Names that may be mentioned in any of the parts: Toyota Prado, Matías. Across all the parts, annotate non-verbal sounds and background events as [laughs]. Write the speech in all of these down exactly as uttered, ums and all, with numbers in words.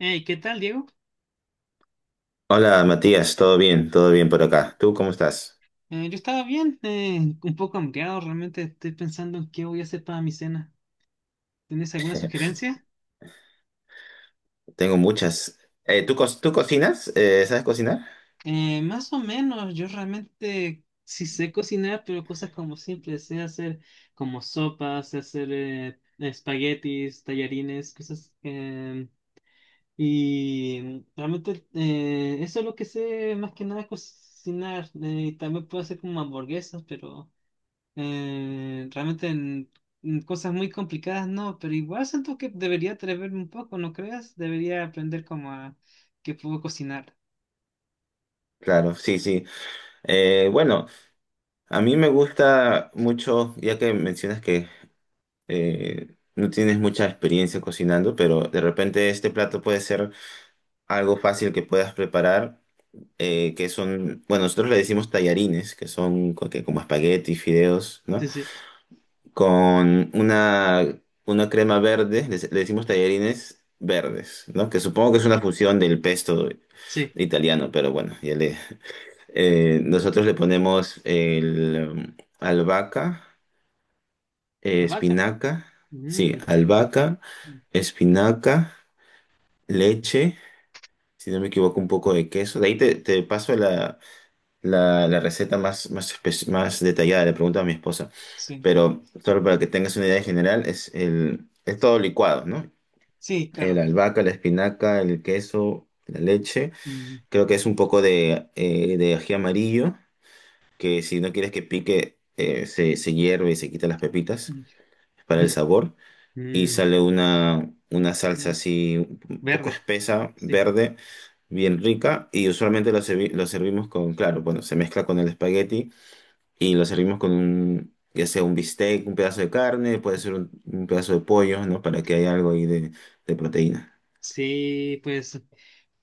Hey, ¿qué tal, Diego? Hola Matías, todo bien, todo bien por acá. ¿Tú cómo estás? Eh, yo estaba bien, eh, un poco hambriado, realmente estoy pensando en qué voy a hacer para mi cena. ¿Tienes alguna sugerencia? Tengo muchas. Eh, ¿tú, co- tú cocinas? Eh, ¿sabes cocinar? Eh, más o menos, yo realmente sí sé cocinar, pero cosas como simples, sé hacer como sopas, sé hacer eh, espaguetis, tallarines, cosas. Eh, y realmente eh, eso es lo que sé más que nada cocinar. Eh, también puedo hacer como hamburguesas, pero Eh, realmente en, en cosas muy complicadas no, pero igual siento que debería atreverme un poco, ¿no creas? Debería aprender como a que puedo cocinar. Claro, sí, sí. Eh, bueno, a mí me gusta mucho, ya que mencionas que eh, no tienes mucha experiencia cocinando, pero de repente este plato puede ser algo fácil que puedas preparar, eh, que son, bueno, nosotros le decimos tallarines, que son co- que como espaguetis, fideos, ¿no? Sí, sí, Con una, una crema verde, le, le decimos tallarines verdes, ¿no? Que supongo que es una fusión del pesto sí. italiano, pero bueno, ya le, eh, nosotros le ponemos el um, albahaca, eh, Albahaca. espinaca, sí, Mm. albahaca, espinaca, leche, si no me equivoco, un poco de queso. De ahí te, te paso la, la, la receta más, más, espe- más detallada, le pregunto a mi esposa. Sí, Pero solo para que tengas una idea en general, es, el, es todo licuado, ¿no? sí, El claro. albahaca, la espinaca, el queso, la leche, Mm. creo que es un poco de, eh, de ají amarillo, que si no quieres que pique, eh, se, se hierve y se quita las pepitas [laughs] para el Mm, sabor, y mm, sale una, una salsa mm. así un poco Verde. espesa, Sí. verde, bien rica, y usualmente lo, servi- lo servimos con, claro, bueno, se mezcla con el espagueti y lo servimos con un, ya sea un bistec, un pedazo de carne, puede ser un, un pedazo de pollo, ¿no? Para que haya algo ahí de, de proteína. Sí, pues,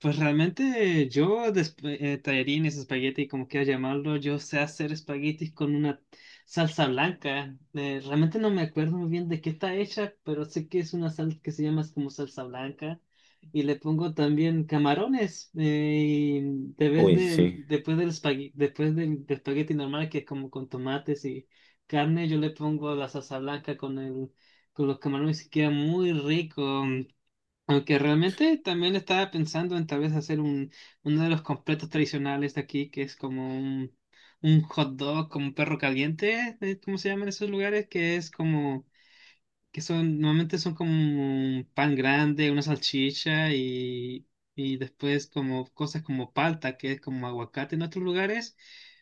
pues realmente yo de eh, tallarines, espagueti, como quieras llamarlo, yo sé hacer espaguetis con una salsa blanca. Eh, realmente no me acuerdo muy bien de qué está hecha, pero sé que es una salsa que se llama como salsa blanca. Y le pongo también camarones. Eh, y de vez Uy, de, sí. después del espagueti, después del, del espagueti normal, que es como con tomates y carne, yo le pongo la salsa blanca con el, con los camarones y queda muy rico. Aunque realmente también estaba pensando en tal vez hacer un, uno de los completos tradicionales de aquí, que es como un, un hot dog, como un perro caliente, eh, ¿cómo se llaman esos lugares? Que es como, que son, normalmente son como un pan grande, una salchicha y, y después como cosas como palta, que es como aguacate en otros lugares,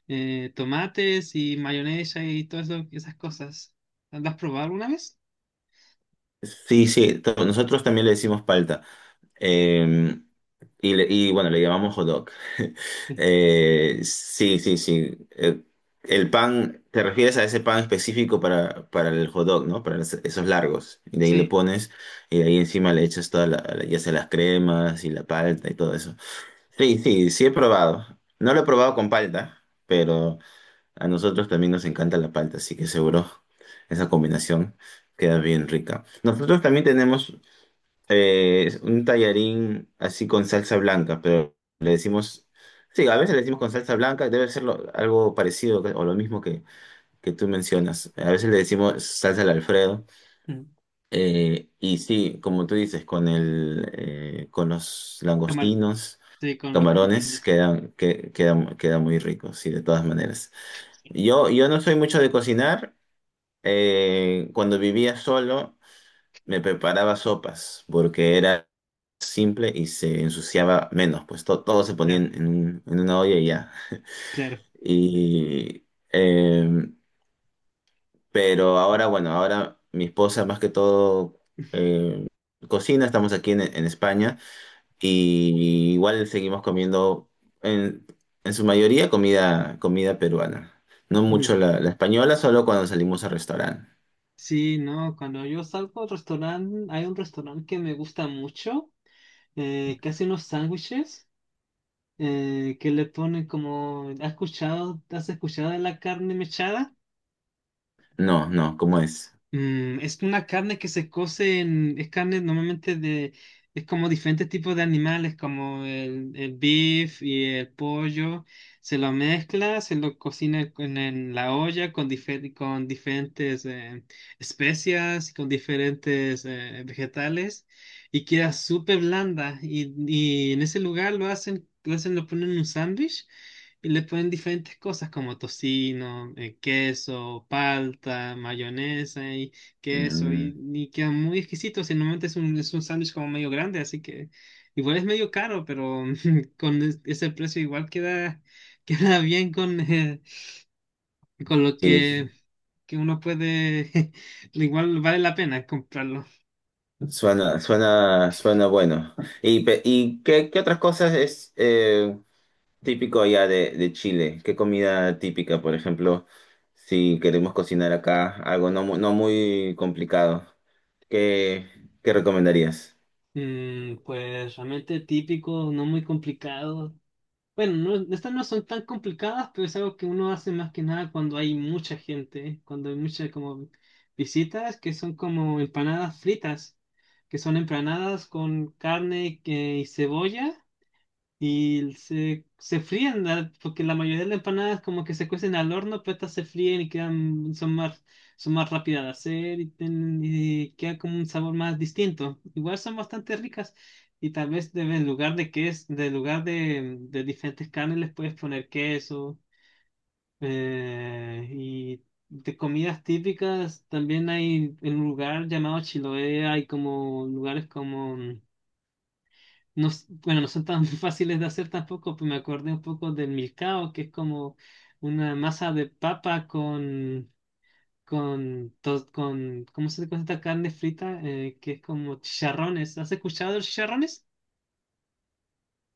eh, tomates y mayonesa y todas eso- esas cosas. ¿Las has probado alguna vez? Sí, sí, to- nosotros también le decimos palta. Eh, y, le- y bueno, le llamamos hot dog. [laughs] Sí. Eh, sí, sí, sí. Eh, el pan, te refieres a ese pan específico para, para el hot dog, ¿no? Para los- esos largos. Y de ahí le Sí. pones, y de ahí encima le echas toda la, ya sea las cremas y la palta y todo eso. Sí, sí, sí he probado. No lo he probado con palta, pero a nosotros también nos encanta la palta, así que seguro esa combinación queda bien rica. Nosotros también tenemos eh, un tallarín así con salsa blanca, pero le decimos, sí, a veces le decimos con salsa blanca, debe ser lo- algo parecido que- o lo mismo que, que tú mencionas. A veces le decimos salsa al Alfredo. Mm. eh, y sí, como tú dices, con el, eh, con los Camar- langostinos. sí, con los Camarones camarones. quedan, que, quedan, quedan muy ricos, sí, de todas maneras. Yo, yo no soy mucho de cocinar. Eh, cuando vivía solo, me preparaba sopas porque era simple y se ensuciaba menos, pues to- todo se ponía Claro. en, en un- en una olla y ya. Claro. Y, eh, pero ahora, bueno, ahora mi esposa más que todo eh, cocina, estamos aquí en en España. Y igual seguimos comiendo en, en su mayoría comida, comida peruana. No Ujú. mucho la, la española, solo cuando salimos al restaurante. Sí, no, cuando yo salgo al restaurante, hay un restaurante que me gusta mucho, eh, que hace unos sándwiches, eh, que le ponen como, ¿has escuchado, ¿has escuchado de la carne mechada? No, no, ¿cómo es? Mm, es una carne que se cose en, es carne normalmente de, es como diferentes tipos de animales, como el, el beef y el pollo, se lo mezcla, se lo cocina con- en la olla con, difer- con diferentes eh, especias, con diferentes eh, vegetales y queda súper blanda y, y en ese lugar lo hacen, lo hacen, lo ponen en un sándwich y le ponen diferentes cosas como tocino, eh, queso, palta, mayonesa y queso. Mm, Y, y queda muy exquisito. Si normalmente es un, es un sándwich como medio grande, así que igual es medio caro, pero [laughs] con es- ese precio igual queda, [laughs] queda bien con, eh, con lo sí, sí. que, que uno puede. [laughs] Igual vale la pena comprarlo. Suena, suena, suena bueno. Y, pe- y qué, qué otras cosas es eh, típico allá de, de Chile? ¿Qué comida típica, por ejemplo, si queremos cocinar acá algo no, mu- no muy complicado? ¿Qué, qué recomendarías? Mm, pues realmente típico, no muy complicado. Bueno, no, estas no son tan complicadas, pero es algo que uno hace más que nada cuando hay mucha gente, ¿eh? Cuando hay muchas como visitas, que son como empanadas fritas, que son empanadas con carne que- y cebolla. Y se, se fríen, la- porque la mayoría de las empanadas como que se cuecen al horno, pero estas se fríen y quedan, son más, son más rápidas de hacer y, tienen- y queda como un sabor más distinto. Igual son bastante ricas y tal vez de- en lugar de queso, de lugar de, de, diferentes carnes les puedes poner queso. Eh, y de comidas típicas también hay en un lugar llamado Chiloé, hay como lugares como no, s- bueno, no son tan [laughs] fáciles de hacer tampoco, pues me acordé un poco del milcao, que es como una masa de papa con, con, to- con ¿cómo se dice esta carne frita? Eh, que es como chicharrones. ¿Has escuchado de los chicharrones?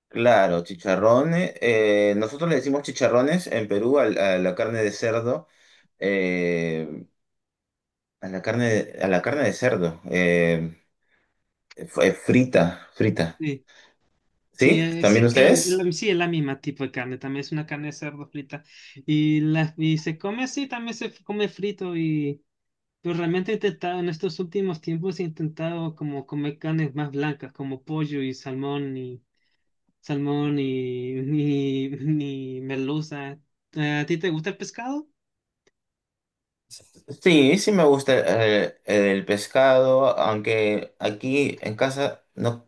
Claro, chicharrones. Eh, nosotros le decimos chicharrones en Perú al- a, la carne de cerdo, eh, a la carne, de, a la carne de cerdo, eh, f- eh, frita, frita. Sí, sí, ¿Sí? eh, ¿También sí, que la- ustedes? la- sí, es la misma tipo de carne, también es una carne de cerdo frita. Y, la, y se come así, también se f- come frito y. Pero realmente he intentado, en estos últimos tiempos he intentado como comer carnes más blancas, como pollo y salmón salmón, ni, [laughs] ni, ni merluza. ¿A ti te gusta el pescado? Sí, sí me gusta eh, el, pescado, aunque aquí en casa no.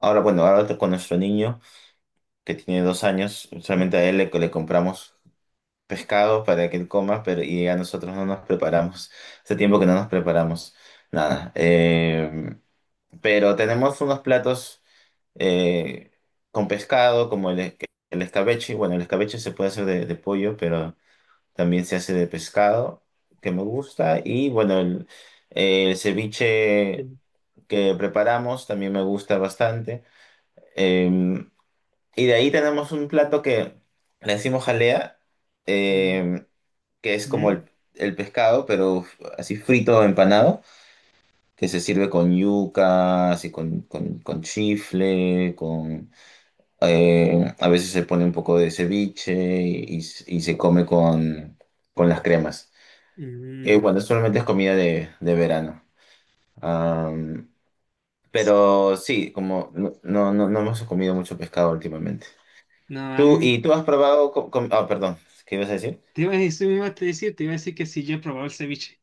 Ahora, bueno, ahora con nuestro niño que tiene dos años, solamente a él le le compramos pescado para que él coma, pero y a nosotros no nos preparamos. Hace tiempo que no nos preparamos nada. Eh, pero tenemos unos platos eh, con pescado, como el, es- el escabeche. Bueno, el escabeche se puede hacer de, de pollo, pero también se hace de pescado, que me gusta. Y bueno, el, el ceviche Sí. que preparamos también me gusta bastante. Em, y de ahí tenemos un plato que le decimos jalea, Mm, eh, que es como mm, el, el pescado, pero así frito, empanado, que se sirve con yuca, así con, con, con chifle, con... eh, a veces se pone un poco de ceviche y, y se come con, con las cremas. Eh, bueno, mm. solamente es comida de, de verano. Am, pero sí, como no, no, no no hemos comido mucho pescado últimamente. No, a Tú, mí, ¿y tú has probado con, con- ah, perdón, ¿qué ibas a decir? Te iba a decir, me iba a decir, te iba a decir que si yo he probado el ceviche.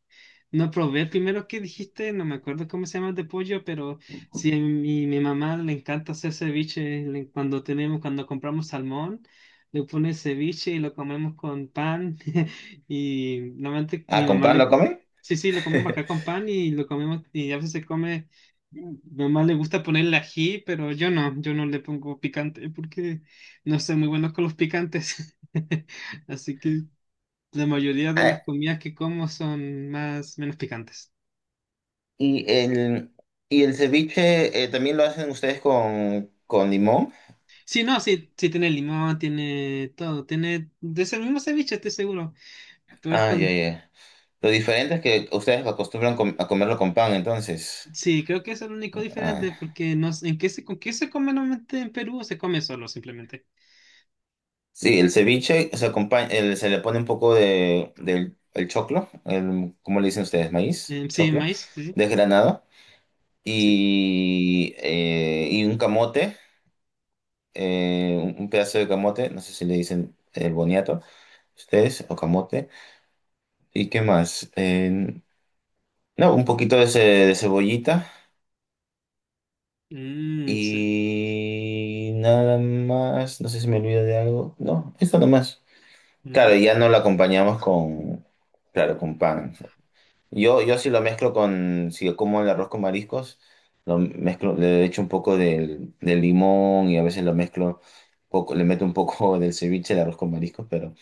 No probé el primero que dijiste, no me acuerdo cómo se llama el de pollo, pero sí, a mi, mi mamá le encanta hacer ceviche. Le- cuando tenemos, cuando compramos salmón, le pone ceviche y lo comemos con pan. [laughs] Y normalmente ¿Ah, mi con mamá pan lo le, comen? sí, sí, lo comemos [laughs] acá con pan y lo comemos, y a veces se come, mi mamá le gusta ponerle ají, pero yo no, yo no, le pongo picante porque no soy muy bueno con los picantes. [laughs] Así que la mayoría de las Ah, comidas que como son más, menos picantes. y el, y el ceviche eh, también lo hacen ustedes con, con limón. Sí, no, sí, sí tiene limón, tiene todo, tiene de ese mismo ceviche, estoy seguro. Pero es Ah, ya, con, ya. Lo diferente es que ustedes acostumbran com- a comerlo con pan, entonces. sí, creo que es el único diferente Ah, porque no sé, ¿en qué se, con qué se come normalmente en Perú o se come solo simplemente? sí, el ceviche se acompaña, el- se le pone un poco de, del el choclo, el, ¿cómo le dicen ustedes? Maíz, Eh, sí, choclo, maíz, sí, sí. desgranado, Sí. y, eh, y un camote. eh, un un pedazo de camote, no sé si le dicen eh, boniato, ustedes, o camote, y qué más. Eh, no, un poquito de, ce- de cebollita Mm, sí. y nada más, no sé si me olvido de algo, no, esto nomás. Mm, Claro, ya no lo acompañamos con, claro, con pan. Yo, yo sí lo mezclo con, si yo como el arroz con mariscos, lo mezclo, le echo un poco del, del limón y a veces lo mezclo, poco, le meto un poco [laughs] del ceviche, el arroz con mariscos, pero...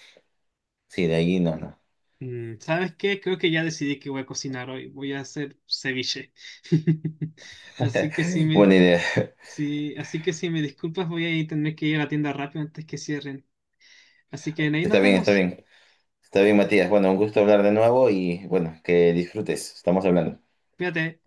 Sí, de ahí no, no. mm. ¿Sabes qué? Creo que ya decidí que voy a cocinar hoy. Voy a hacer ceviche. [laughs] Así que sí [laughs] me, Buena idea. Sí, así que si me disculpas, voy a ir- tener que ir a la tienda rápido antes que cierren. Así que ahí Está nos bien, está vemos. bien. Está bien, Matías. Bueno, un gusto hablar de nuevo y bueno, que disfrutes. Estamos hablando. Cuídate.